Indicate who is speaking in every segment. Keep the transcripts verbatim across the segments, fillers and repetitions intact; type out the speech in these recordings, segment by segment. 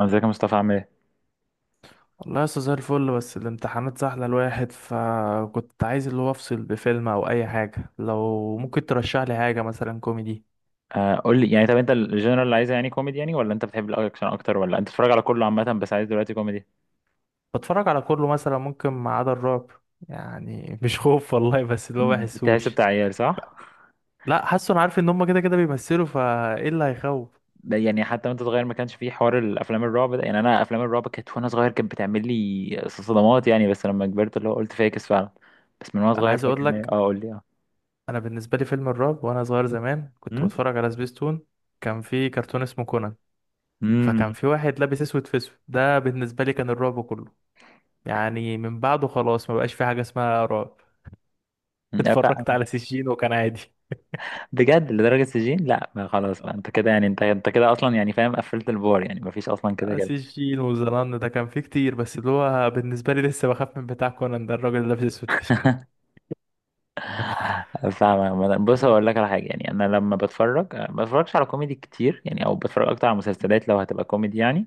Speaker 1: ازيك يا مصطفى عامل ايه؟
Speaker 2: والله لسه زي الفل، بس الامتحانات سهلة الواحد فكنت عايز اللي هو افصل بفيلم او اي حاجة. لو ممكن ترشح لي حاجة مثلا كوميدي.
Speaker 1: آه، قول لي يعني، طب انت الجنرال اللي عايزه يعني كوميدي، يعني ولا انت بتحب الاكشن اكتر، ولا انت بتتفرج على كله عامه بس عايز دلوقتي كوميدي؟
Speaker 2: بتفرج على كله، مثلا ممكن ما عدا الرعب. يعني مش خوف والله، بس اللي هو
Speaker 1: بتحس
Speaker 2: بحسوش.
Speaker 1: بتاع عيال صح؟
Speaker 2: لا، حاسه انا عارف ان هم كده كده بيمثلوا، فايه اللي هيخوف.
Speaker 1: ده يعني حتى وانت صغير ما كانش فيه حوار الافلام الرعب ده، يعني انا افلام الرعب كانت وانا صغير كانت بتعمل لي صدمات يعني، بس لما كبرت اللي هو قلت فاكس فعلا. بس من وانا
Speaker 2: انا
Speaker 1: صغير
Speaker 2: عايز
Speaker 1: فاكر
Speaker 2: اقول
Speaker 1: ان هي-
Speaker 2: لك.
Speaker 1: اه، قول لي اه.
Speaker 2: انا بالنسبة لي فيلم الرعب وانا صغير زمان كنت
Speaker 1: امم
Speaker 2: بتفرج على سبيستون. كان في كرتون اسمه كونان. فكان
Speaker 1: امم
Speaker 2: في واحد لابس اسود في اسود، ده بالنسبة لي كان الرعب كله. يعني من بعده خلاص ما بقاش في حاجة اسمها رعب. اتفرجت على سجين وكان عادي.
Speaker 1: بجد لدرجه سجين؟ لا، ما خلاص بقى، انت كده يعني، انت انت كده اصلا يعني، فاهم قفلت البار يعني، ما فيش اصلا كده.
Speaker 2: آه، سجين وزنان ده كان فيه كتير، بس اللي هو بالنسبة لي لسه بخاف من بتاع كونان ده، الراجل اللي لابس اسود في اسود.
Speaker 1: فاهم عامة. بص هقول لك على حاجه، يعني انا لما بتفرج أه، ما بتفرجش على كوميدي كتير يعني، او بتفرج اكتر على مسلسلات لو هتبقى كوميدي يعني.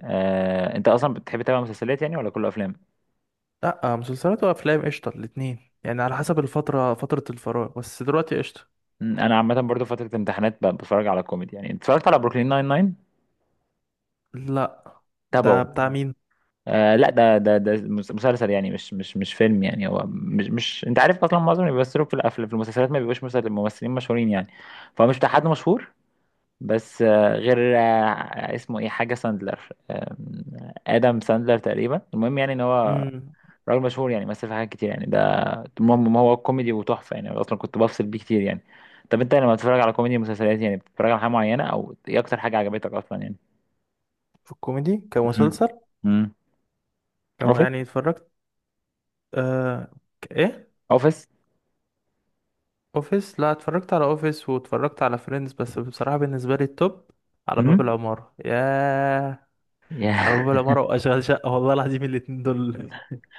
Speaker 1: آه، انت اصلا بتحب تتابع مسلسلات يعني، ولا كله افلام؟
Speaker 2: لا، آه، مسلسلات وافلام قشطة الاتنين، يعني على حسب الفترة، فترة الفراغ، بس دلوقتي قشطة.
Speaker 1: م، انا عامه برضو فتره امتحانات ب- بتفرج على كوميدي يعني، اتفرجت على بروكلين ناين ناين.
Speaker 2: لا، ده
Speaker 1: تابعه.
Speaker 2: بتاع مين؟
Speaker 1: آه لا، ده ده ده مس- مسلسل يعني، مش مش مش فيلم يعني، هو مش مش انت عارف اصلا معظم اللي بيمثلوا في الأف- في المسلسلات ما بيبقوش مسل- ممثلين مشهورين يعني. فهو مش بتاع حد مشهور. بس آه، غير آه، اسمه ايه، حاجة ساندلر. آم، آدم ساندلر تقريبا. المهم يعني ان هو
Speaker 2: امم.
Speaker 1: راجل مشهور يعني، مثل في حاجات كتير يعني ده. المهم ما هو كوميدي وتحفة يعني، اصلا كنت بفصل بيه كتير يعني. طب انت لما بتتفرج على كوميدي مسلسلات يعني، بتتفرج على حاجة معينة، او ايه اكتر حاجة عجبتك اصلا يعني؟
Speaker 2: في الكوميدي
Speaker 1: مم.
Speaker 2: كمسلسل
Speaker 1: مم.
Speaker 2: كم
Speaker 1: اوفيس.
Speaker 2: يعني اتفرجت. آه. ك- ايه؟
Speaker 1: اوفيس.
Speaker 2: اوفيس؟ لا، اتفرجت على اوفيس واتفرجت على فريندز، بس بصراحة بالنسبة لي التوب على باب
Speaker 1: مم.
Speaker 2: العمارة، ياه. على
Speaker 1: يا
Speaker 2: باب العمارة وأشغال شقة، والله العظيم الاتنين دول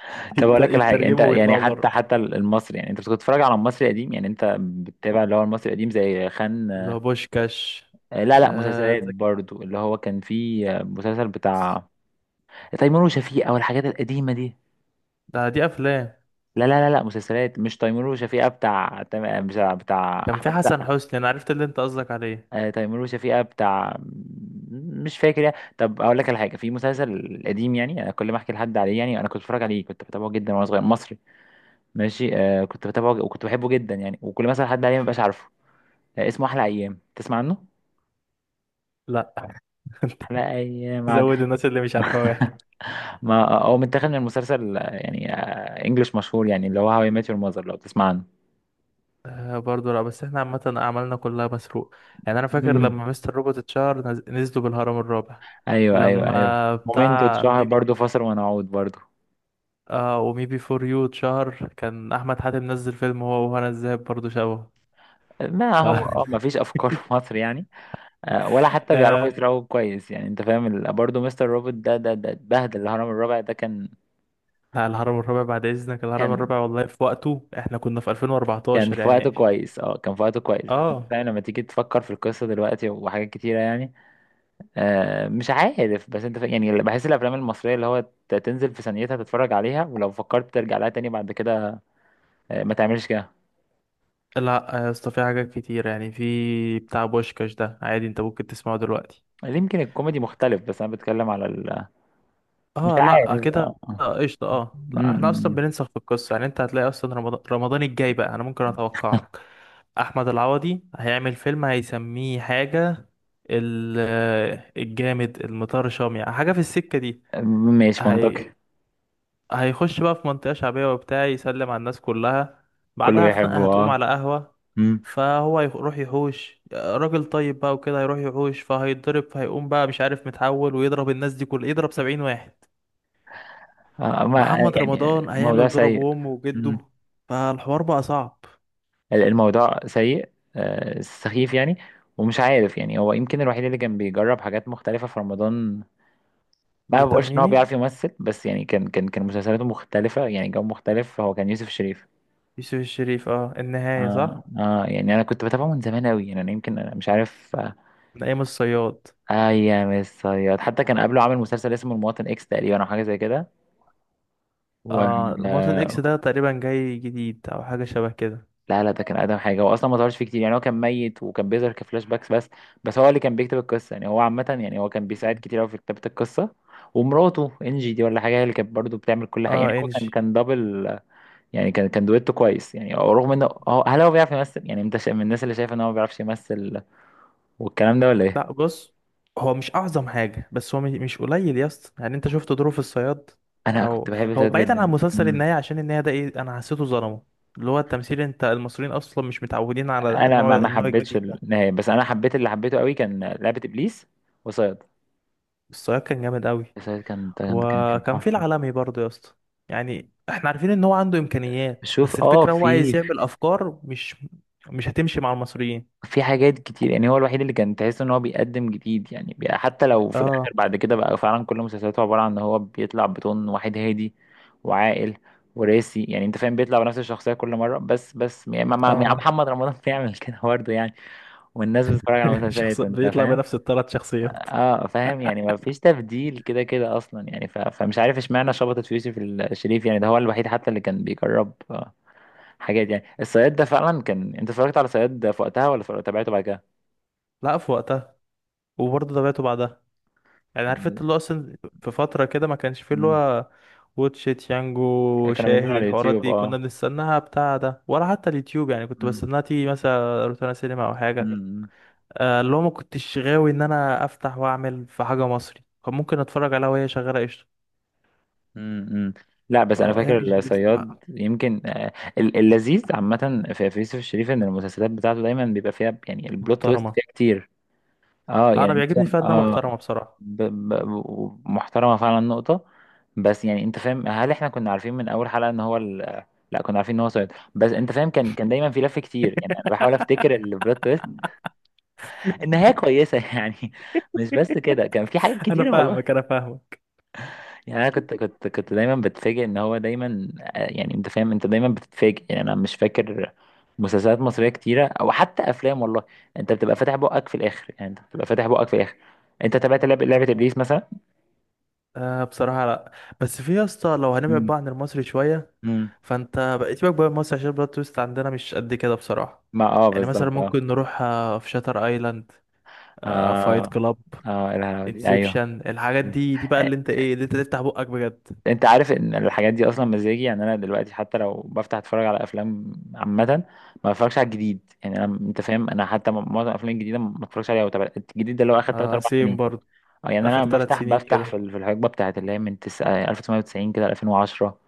Speaker 1: طب
Speaker 2: يت-
Speaker 1: اقول لك على حاجه، انت
Speaker 2: يترجموا
Speaker 1: يعني
Speaker 2: ويطلعوا
Speaker 1: حتى
Speaker 2: بره.
Speaker 1: حتى المصري يعني، انت كنت بتتفرج على المصري القديم يعني، انت بتتابع اللي هو المصري القديم زي
Speaker 2: اللي
Speaker 1: خان؟
Speaker 2: هو بوشكاش.
Speaker 1: آه، لا لا،
Speaker 2: آه،
Speaker 1: مسلسلات
Speaker 2: زكي.
Speaker 1: برضو، اللي هو كان فيه آه، مسلسل بتاع تيمور وشفيقة، او الحاجات القديمة دي.
Speaker 2: ده دي أفلام.
Speaker 1: لا لا لا لا، مسلسلات، مش تيمور وشفيقة بتاع تم- مش بتاع
Speaker 2: كان في
Speaker 1: احمد
Speaker 2: حسن
Speaker 1: سقا.
Speaker 2: حسني، أنا عرفت اللي أنت قصدك عليه.
Speaker 1: آه، تيمور وشفيقة بتاع. مش فاكر يعني. طب اقول لك على حاجه، في مسلسل قديم يعني انا كل ما احكي لحد عليه، يعني انا كنت بتفرج عليه، كنت بتابعه جدا وانا صغير، مصري. ماشي، آه كنت بتابعه ج- وكنت بحبه جدا يعني، وكل ما اسال حد عليه ما بقاش عارفه. آه اسمه احلى ايام، تسمع عنه؟
Speaker 2: لا. أنت
Speaker 1: احلى ايام، عاد.
Speaker 2: زود الناس اللي مش عارفة، واحد.
Speaker 1: ما هو متاخد من مسلسل يعني انجلش مشهور يعني، اللي هو هاو اي ميت يور ماذر، لو تسمع عنه.
Speaker 2: آه، برضه لا، بس احنا عامة أعمالنا كلها مسروق. يعني أنا فاكر
Speaker 1: امم.
Speaker 2: لما مستر روبوت اتشهر نز- نزلوا بالهرم الرابع.
Speaker 1: ايوه ايوه ايوه،
Speaker 2: لما
Speaker 1: مومنتو
Speaker 2: بتاع
Speaker 1: اتشهر
Speaker 2: ميبي،
Speaker 1: برضه، فاصل ونعود برضه.
Speaker 2: آه، وميبي فور يو اتشهر كان أحمد حاتم نزل فيلم هو وهنا الزاهد برضه شبهه.
Speaker 1: ما
Speaker 2: ف
Speaker 1: هو اه ما فيش افكار في مصر يعني. آه، ولا حتى بيعرفوا
Speaker 2: آه،
Speaker 1: يسرقوا كويس يعني، انت فاهم ال- برضه مستر روبوت ده ده ده اتبهدل. الهرم الرابع ده كان.
Speaker 2: لا، الهرم الرابع بعد اذنك، الهرم
Speaker 1: كان
Speaker 2: الرابع والله في وقته احنا كنا في
Speaker 1: كان
Speaker 2: ألفين وأربعة عشر
Speaker 1: في وقته
Speaker 2: يعني.
Speaker 1: كويس، اه كان في وقته كويس، بس انت
Speaker 2: اه
Speaker 1: فاهم لما تيجي تفكر في القصه دلوقتي وحاجات كتيره يعني. آه، مش عارف، بس انت ف... يعني بحس الافلام المصريه اللي هو ت- تنزل في ثانيتها تتفرج عليها، ولو فكرت ترجع لها تاني بعد كده آه، ما تعملش كده.
Speaker 2: لا يا اسطى، في حاجات كتير، يعني في بتاع بوشكاش ده عادي انت ممكن تسمعه دلوقتي.
Speaker 1: يمكن الكوميدي مختلف، بس انا بتكلم على ال... مش
Speaker 2: اه
Speaker 1: عارف
Speaker 2: لا كده،
Speaker 1: آه، آه.
Speaker 2: آه، قشطة. اه لا، احنا اصلا
Speaker 1: م-
Speaker 2: بننسخ في القصة. يعني انت هتلاقي اصلا رمضان، رمضان الجاي بقى انا ممكن اتوقع لك. احمد العوضي هيعمل فيلم هيسميه حاجة، ال- الجامد المطرشام، يعني حاجة في السكة دي.
Speaker 1: م- ماشي،
Speaker 2: هي
Speaker 1: منطقي.
Speaker 2: هيخش بقى في منطقة شعبية وبتاع، يسلم على الناس كلها.
Speaker 1: كله
Speaker 2: بعدها خناقة
Speaker 1: بيحبه
Speaker 2: هتقوم
Speaker 1: اه
Speaker 2: على قهوة،
Speaker 1: م.
Speaker 2: فهو يروح يحوش راجل طيب بقى وكده، هيروح يحوش فهيتضرب، فهيقوم بقى مش عارف متحول ويضرب الناس دي، كل يضرب سبعين واحد.
Speaker 1: آه، ما
Speaker 2: محمد
Speaker 1: يعني
Speaker 2: رمضان
Speaker 1: موضوع
Speaker 2: هيعمل ضرب
Speaker 1: سيء.
Speaker 2: وامه
Speaker 1: م.
Speaker 2: وجده. فالحوار بقى صعب.
Speaker 1: ال- الموضوع سيء، آه، سخيف يعني. ومش عارف يعني، هو يمكن الوحيد اللي كان بيجرب حاجات مختلفة في رمضان. ما
Speaker 2: بيتر
Speaker 1: بقولش ان هو
Speaker 2: ميمي.
Speaker 1: بيعرف يمثل، بس يعني كان كان كان مسلسلاته مختلفه يعني، جو مختلف، هو كان يوسف شريف.
Speaker 2: يوسف الشريف، اه، النهاية
Speaker 1: اه
Speaker 2: صح.
Speaker 1: اه يعني انا كنت بتابعه من زمان قوي يعني، انا يمكن، أنا مش عارف آه
Speaker 2: من أيام الصياد.
Speaker 1: آه يا مس صياد، حتى كان قبله عامل مسلسل اسمه المواطن اكس تقريبا، او حاجه زي كده و...
Speaker 2: اه، المواطن اكس ده تقريبا جاي جديد أو حاجة شبه كده.
Speaker 1: لا لا، ده كان اقدم حاجه، هو اصلا ما ظهرش فيه كتير يعني، هو كان ميت وكان بيظهر كفلاش باكس بس. بس هو اللي كان بيكتب القصه يعني، هو عامه يعني، هو كان بيساعد
Speaker 2: مم.
Speaker 1: كتير قوي في كتابه القصه. ومراته انجي دي ولا حاجه، هي اللي كانت برضه بتعمل كل حاجه
Speaker 2: اه،
Speaker 1: يعني، هو كان
Speaker 2: انجي.
Speaker 1: كان دبل يعني، كان كان دويتو كويس يعني، رغم انه هو، هل هو بيعرف يمثل يعني، انت شا- من الناس اللي شايف ان هو ما بيعرفش يمثل والكلام ده، ولا ايه؟
Speaker 2: لا، بص، هو مش اعظم حاجه، بس هو مش مش قليل يا اسطى، يعني انت شفت ظروف الصياد.
Speaker 1: انا كنت
Speaker 2: او
Speaker 1: بحب
Speaker 2: هو
Speaker 1: سيد
Speaker 2: بعيدا عن
Speaker 1: جدا.
Speaker 2: مسلسل
Speaker 1: مم.
Speaker 2: النهايه، عشان النهايه ده ايه، انا حسيته ظلمه. اللي هو التمثيل، انت المصريين اصلا مش متعودين على
Speaker 1: انا ما
Speaker 2: نوع
Speaker 1: ما
Speaker 2: النوع
Speaker 1: حبيتش
Speaker 2: الجديد ده.
Speaker 1: النهايه، بس انا حبيت اللي حبيته قوي كان لعبه ابليس وصياد.
Speaker 2: الصياد كان جامد قوي.
Speaker 1: صياد كان كان كان كان
Speaker 2: وكان في
Speaker 1: تحفه.
Speaker 2: العالمي برضه يا اسطى. يعني احنا عارفين ان هو عنده امكانيات، بس
Speaker 1: شوف، اه
Speaker 2: الفكره هو
Speaker 1: في
Speaker 2: عايز يعمل افكار مش مش هتمشي مع المصريين.
Speaker 1: في حاجات كتير يعني، هو الوحيد اللي كان تحس ان هو بيقدم جديد يعني بي- حتى لو في
Speaker 2: اه،
Speaker 1: الاخر بعد كده بقى فعلا كل مسلسلاته عباره عن ان هو بيطلع بطون واحد هادي وعاقل وراسي يعني، انت فاهم بيطلع بنفس الشخصيه كل مره، بس بس يعني ما ما- ما-
Speaker 2: اه.
Speaker 1: محمد رمضان بيعمل كده برضه يعني، والناس بتتفرج على
Speaker 2: شخص
Speaker 1: مسلسلاته انت
Speaker 2: بيطلع
Speaker 1: فاهم.
Speaker 2: بنفس الثلاث شخصيات.
Speaker 1: اه فاهم يعني، ما فيش تبديل كده كده اصلا يعني ف... فمش عارف اشمعنى شبطت في يوسف الشريف، يعني ده هو الوحيد حتى اللي كان بيجرب آه، حاجات يعني. الصياد ده فعلا كان، انت اتفرجت على صياد في وقتها ولا اتفرجت- تابعته بعد
Speaker 2: لا، في وقتها، وبرضه تابعته بعدها. يعني عارف
Speaker 1: كده؟
Speaker 2: انت اللي هو اصلا في فترة كده ما كانش فيه اللي
Speaker 1: مم.
Speaker 2: هو واتشيت يانجو،
Speaker 1: كانوا بينزلوا
Speaker 2: شاهد،
Speaker 1: على
Speaker 2: الحوارات
Speaker 1: اليوتيوب،
Speaker 2: دي كنا
Speaker 1: اه.
Speaker 2: بنستناها بتاع ده، ولا حتى اليوتيوب يعني. كنت
Speaker 1: مم.
Speaker 2: بستناها تيجي مثلا روتانا سينما او حاجة.
Speaker 1: مم.
Speaker 2: آه، اللي هو ما كنتش غاوي ان انا افتح واعمل في حاجة مصري كان ممكن اتفرج عليها وهي شغالة قشطة.
Speaker 1: مم. مم. لا بس انا
Speaker 2: اه، ايام ايجي
Speaker 1: فاكر
Speaker 2: بيست
Speaker 1: الصياد
Speaker 2: بقى،
Speaker 1: يمكن، آه، ال- اللذيذ عامه في في يوسف الشريف ان المسلسلات بتاعته دايما بيبقى فيها يعني البلوت تويست
Speaker 2: محترمة.
Speaker 1: فيها كتير. اه
Speaker 2: لا، انا
Speaker 1: يعني انت
Speaker 2: بيعجبني فيها
Speaker 1: فاهم،
Speaker 2: انها
Speaker 1: اه
Speaker 2: محترمة بصراحة.
Speaker 1: ب- ب- محترمه فعلا، نقطه. بس يعني انت فاهم، هل احنا كنا عارفين من اول حلقه ان هو ال... لا، كنا عارفين ان هو صياد، بس انت فاهم كان كان دايما في لف كتير يعني، انا بحاول افتكر البلوت تويست. النهايه كويسه يعني. مش بس كده كان في حاجات
Speaker 2: انا
Speaker 1: كتير والله
Speaker 2: فاهمك انا فاهمك.
Speaker 1: يعني، انا كنت كنت كنت دايما بتفاجئ ان هو دايما، آه، يعني انت فاهم انت دايما بتتفاجئ يعني، انا مش فاكر مسلسلات مصريه كتيره او حتى افلام والله. انت بتبقى فاتح بقك في الاخر يعني، انت بتبقى فاتح بقك في الاخر. انت تابعت لعبه لعبه
Speaker 2: اه،
Speaker 1: ابليس مثلا؟
Speaker 2: آه، بصراحة لا. بس في يا اسطى، لو هنبعد
Speaker 1: مم.
Speaker 2: بقى عن المصري شوية،
Speaker 1: مم.
Speaker 2: فانت بقيت بقى بقى مصر عشان البلوت تويست عندنا مش قد كده بصراحة.
Speaker 1: ما اه
Speaker 2: يعني مثلا
Speaker 1: بالظبط اه
Speaker 2: ممكن نروح، آه، في شاتر ايلاند، آه، فايت
Speaker 1: اه
Speaker 2: كلاب،
Speaker 1: اه الهوا دي. ايوه،
Speaker 2: انسبشن، الحاجات دي دي بقى اللي انت ايه، اللي انت تفتح بقك بجد.
Speaker 1: انت عارف ان الحاجات دي اصلا مزاجي يعني، انا دلوقتي حتى لو بفتح اتفرج على افلام عامه، ما بتفرجش على الجديد يعني، انا، انت فاهم، انا حتى م- معظم الافلام الجديده ما بتفرجش عليها، وتابع الجديد ده اللي هو اخر ثلاثة
Speaker 2: آه،
Speaker 1: اربعة
Speaker 2: سيم
Speaker 1: سنين.
Speaker 2: برضو.
Speaker 1: اه يعني انا
Speaker 2: اخر ثلاث
Speaker 1: بفتح
Speaker 2: سنين
Speaker 1: بفتح
Speaker 2: كده.
Speaker 1: في ال- في الحقبه بتاعت اللي هي من تس- آه، ألف وتسعمية وتسعين كده الفين وعشرة.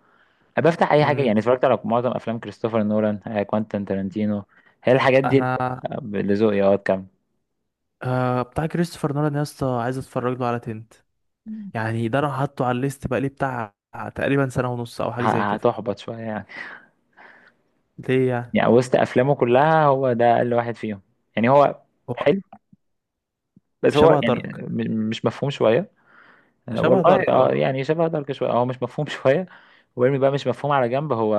Speaker 1: بفتح اي حاجه
Speaker 2: امم.
Speaker 1: يعني، اتفرجت على معظم افلام كريستوفر نولان، آه، كوانتين تارانتينو. هي الحاجات دي اللي
Speaker 2: انا،
Speaker 1: آه، اللي ذوقي اه كام.
Speaker 2: آه، بتاع كريستوفر نولان يا اسطى، عايز اتفرج له على تنت. يعني ده انا حاطه على الليست بقى لي بتاع تقريبا سنة ونص او حاجة زي كده.
Speaker 1: هتحبط شويه يعني.
Speaker 2: ليه يعني؟
Speaker 1: يعني وسط افلامه كلها هو ده اقل واحد فيهم يعني. هو
Speaker 2: هو
Speaker 1: بس هو
Speaker 2: شبه
Speaker 1: يعني
Speaker 2: دارك.
Speaker 1: م- مش مفهوم شوية. آه،
Speaker 2: شبه
Speaker 1: والله
Speaker 2: دارك.
Speaker 1: اه يعني شبه دارك شوية، هو مش مفهوم شوية، ويرمي بقى مش مفهوم على جنب. هو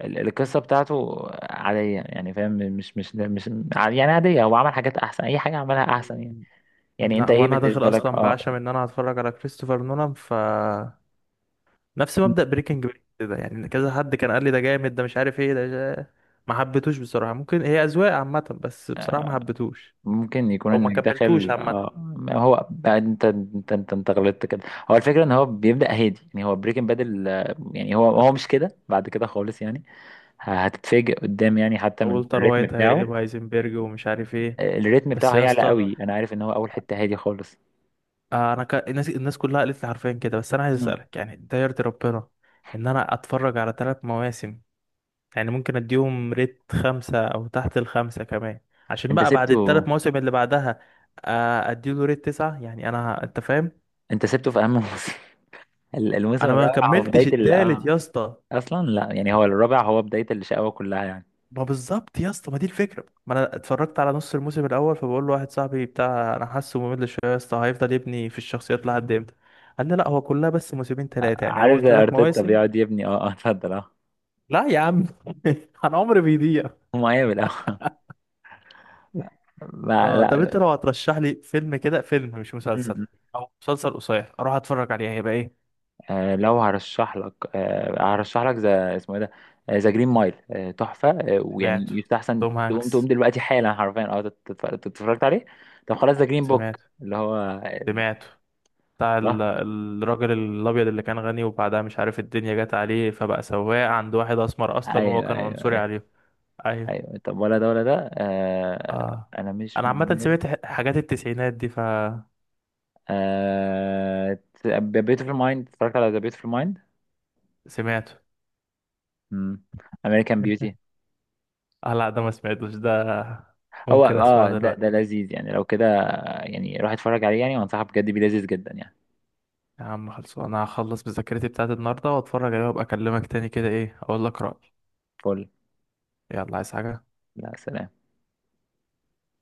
Speaker 1: ال- القصة بتاعته عادية يعني، فاهم، مش مش مش يعني، عادية. هو عمل حاجات أحسن، أي حاجة عملها أحسن يعني.
Speaker 2: اه
Speaker 1: يعني أنت
Speaker 2: لا، هو
Speaker 1: إيه
Speaker 2: انا داخل
Speaker 1: بالنسبة لك
Speaker 2: اصلا
Speaker 1: اه
Speaker 2: بعشم ان انا هتفرج على كريستوفر نولان. ف نفس مبدأ بريكنج باد كده يعني. كذا حد كان قال لي ده جامد، ده مش عارف ايه، ده جا- ما حبيتوش بصراحة. ممكن هي اذواق عامة، بس بصراحة ما حبيتوش.
Speaker 1: ممكن يكون
Speaker 2: او ما
Speaker 1: إنك
Speaker 2: كملتوش
Speaker 1: داخل
Speaker 2: عامة.
Speaker 1: اه ما هو بقى أنت أنت أنت أنت غلطت كده. هو الفكرة إن هو بيبدأ هادي يعني، هو بريكنج بادل، يعني هو هو مش كده بعد كده خالص يعني، ه- هتتفاجئ قدام يعني حتى من
Speaker 2: والتر
Speaker 1: الريتم
Speaker 2: وايت هيقلب
Speaker 1: بتاعه.
Speaker 2: هايزنبرج ومش عارف ايه.
Speaker 1: آه، الريتم
Speaker 2: بس
Speaker 1: بتاعه
Speaker 2: يا
Speaker 1: هيعلى
Speaker 2: اسطى،
Speaker 1: قوي، انا عارف ان هو اول حتة هادي خالص.
Speaker 2: آه، انا ك... الناس الناس كلها قالت لي حرفيا كده، بس انا عايز
Speaker 1: مم.
Speaker 2: اسالك، يعني ده يرضي ربنا ان انا اتفرج على ثلاث مواسم، يعني ممكن اديهم ريت خمسة او تحت الخمسة كمان، عشان
Speaker 1: انت
Speaker 2: بقى بعد
Speaker 1: سبته.
Speaker 2: الثلاث مواسم اللي بعدها آه، اديله ريت تسعة؟ يعني انا، انت فاهم.
Speaker 1: انت سبته في اهم موسم ال- الموسم
Speaker 2: انا ما
Speaker 1: الرابع هو
Speaker 2: كملتش
Speaker 1: بداية ال
Speaker 2: التالت
Speaker 1: اه
Speaker 2: يا اسطى.
Speaker 1: اصلا. لا يعني هو الرابع هو بداية الشقاوة كلها يعني.
Speaker 2: ما بالظبط يا اسطى، ما دي الفكرة، ما انا اتفرجت على نص الموسم الاول فبقول له واحد صاحبي بتاع: انا حاسه ممل شوية يا اسطى، هيفضل يبني في الشخصيات لحد امتى؟ قال لي لا، هو كلها بس موسمين
Speaker 1: آه،
Speaker 2: ثلاثة يعني
Speaker 1: عارف
Speaker 2: اول
Speaker 1: زي
Speaker 2: ثلاث
Speaker 1: ارتيتا
Speaker 2: مواسم.
Speaker 1: بيقعد يبني، اه اه اتفضل اه
Speaker 2: لا يا عم. انا عمري بيضيع.
Speaker 1: مقابل اه ما-
Speaker 2: آه، طب انت
Speaker 1: لا.
Speaker 2: لو هترشح لي فيلم كده، فيلم مش
Speaker 1: م-
Speaker 2: مسلسل
Speaker 1: م.
Speaker 2: او مسلسل قصير اروح اتفرج عليه، هيبقى ايه؟
Speaker 1: آه لو هرشح لك آه هرشح لك ذا، اسمه ايه ده، ذا جرين مايل. آه تحفة، آه، ويعني
Speaker 2: سمعته.
Speaker 1: يستحسن
Speaker 2: توم
Speaker 1: تقوم تقوم
Speaker 2: هانكس.
Speaker 1: دلوقتي حالا حرفيا اه تت- تت- تت- اتفرجت عليه. طب خلاص، ذا جرين بوك،
Speaker 2: سمعته.
Speaker 1: اللي هو.
Speaker 2: سمعته. بتاع ال-
Speaker 1: الله،
Speaker 2: الراجل الابيض اللي كان غني وبعدها مش عارف الدنيا جت عليه، فبقى سواق عند واحد اسمر اصلا وهو
Speaker 1: ايوه
Speaker 2: كان
Speaker 1: ايوه
Speaker 2: عنصري
Speaker 1: ايوه.
Speaker 2: عليه. ايوه.
Speaker 1: ايوه، طب ولا ده ولا ده آه
Speaker 2: اه،
Speaker 1: انا مش
Speaker 2: انا
Speaker 1: من
Speaker 2: عامه
Speaker 1: الناس.
Speaker 2: سمعت ح- حاجات التسعينات دي فسمعته.
Speaker 1: آه بيوتيفول مايند، اتفرجت على ذا بيوتيفول مايند. امم. امريكان بيوتي.
Speaker 2: اه، لا، ده ما سمعتوش. ده
Speaker 1: هو
Speaker 2: ممكن اسمعه
Speaker 1: اه ده ده
Speaker 2: دلوقتي.
Speaker 1: لذيذ يعني، لو كده، يعني روح اتفرج عليه يعني، وانصحك بجد بيه، لذيذ جدا يعني.
Speaker 2: يا عم خلصوا، انا هخلص بذاكرتي بتاعت النهارده واتفرج عليها، وابقى اكلمك تاني كده ايه، اقول لك رأيي.
Speaker 1: فل.
Speaker 2: يلا، عايز حاجة؟
Speaker 1: لا، سلام.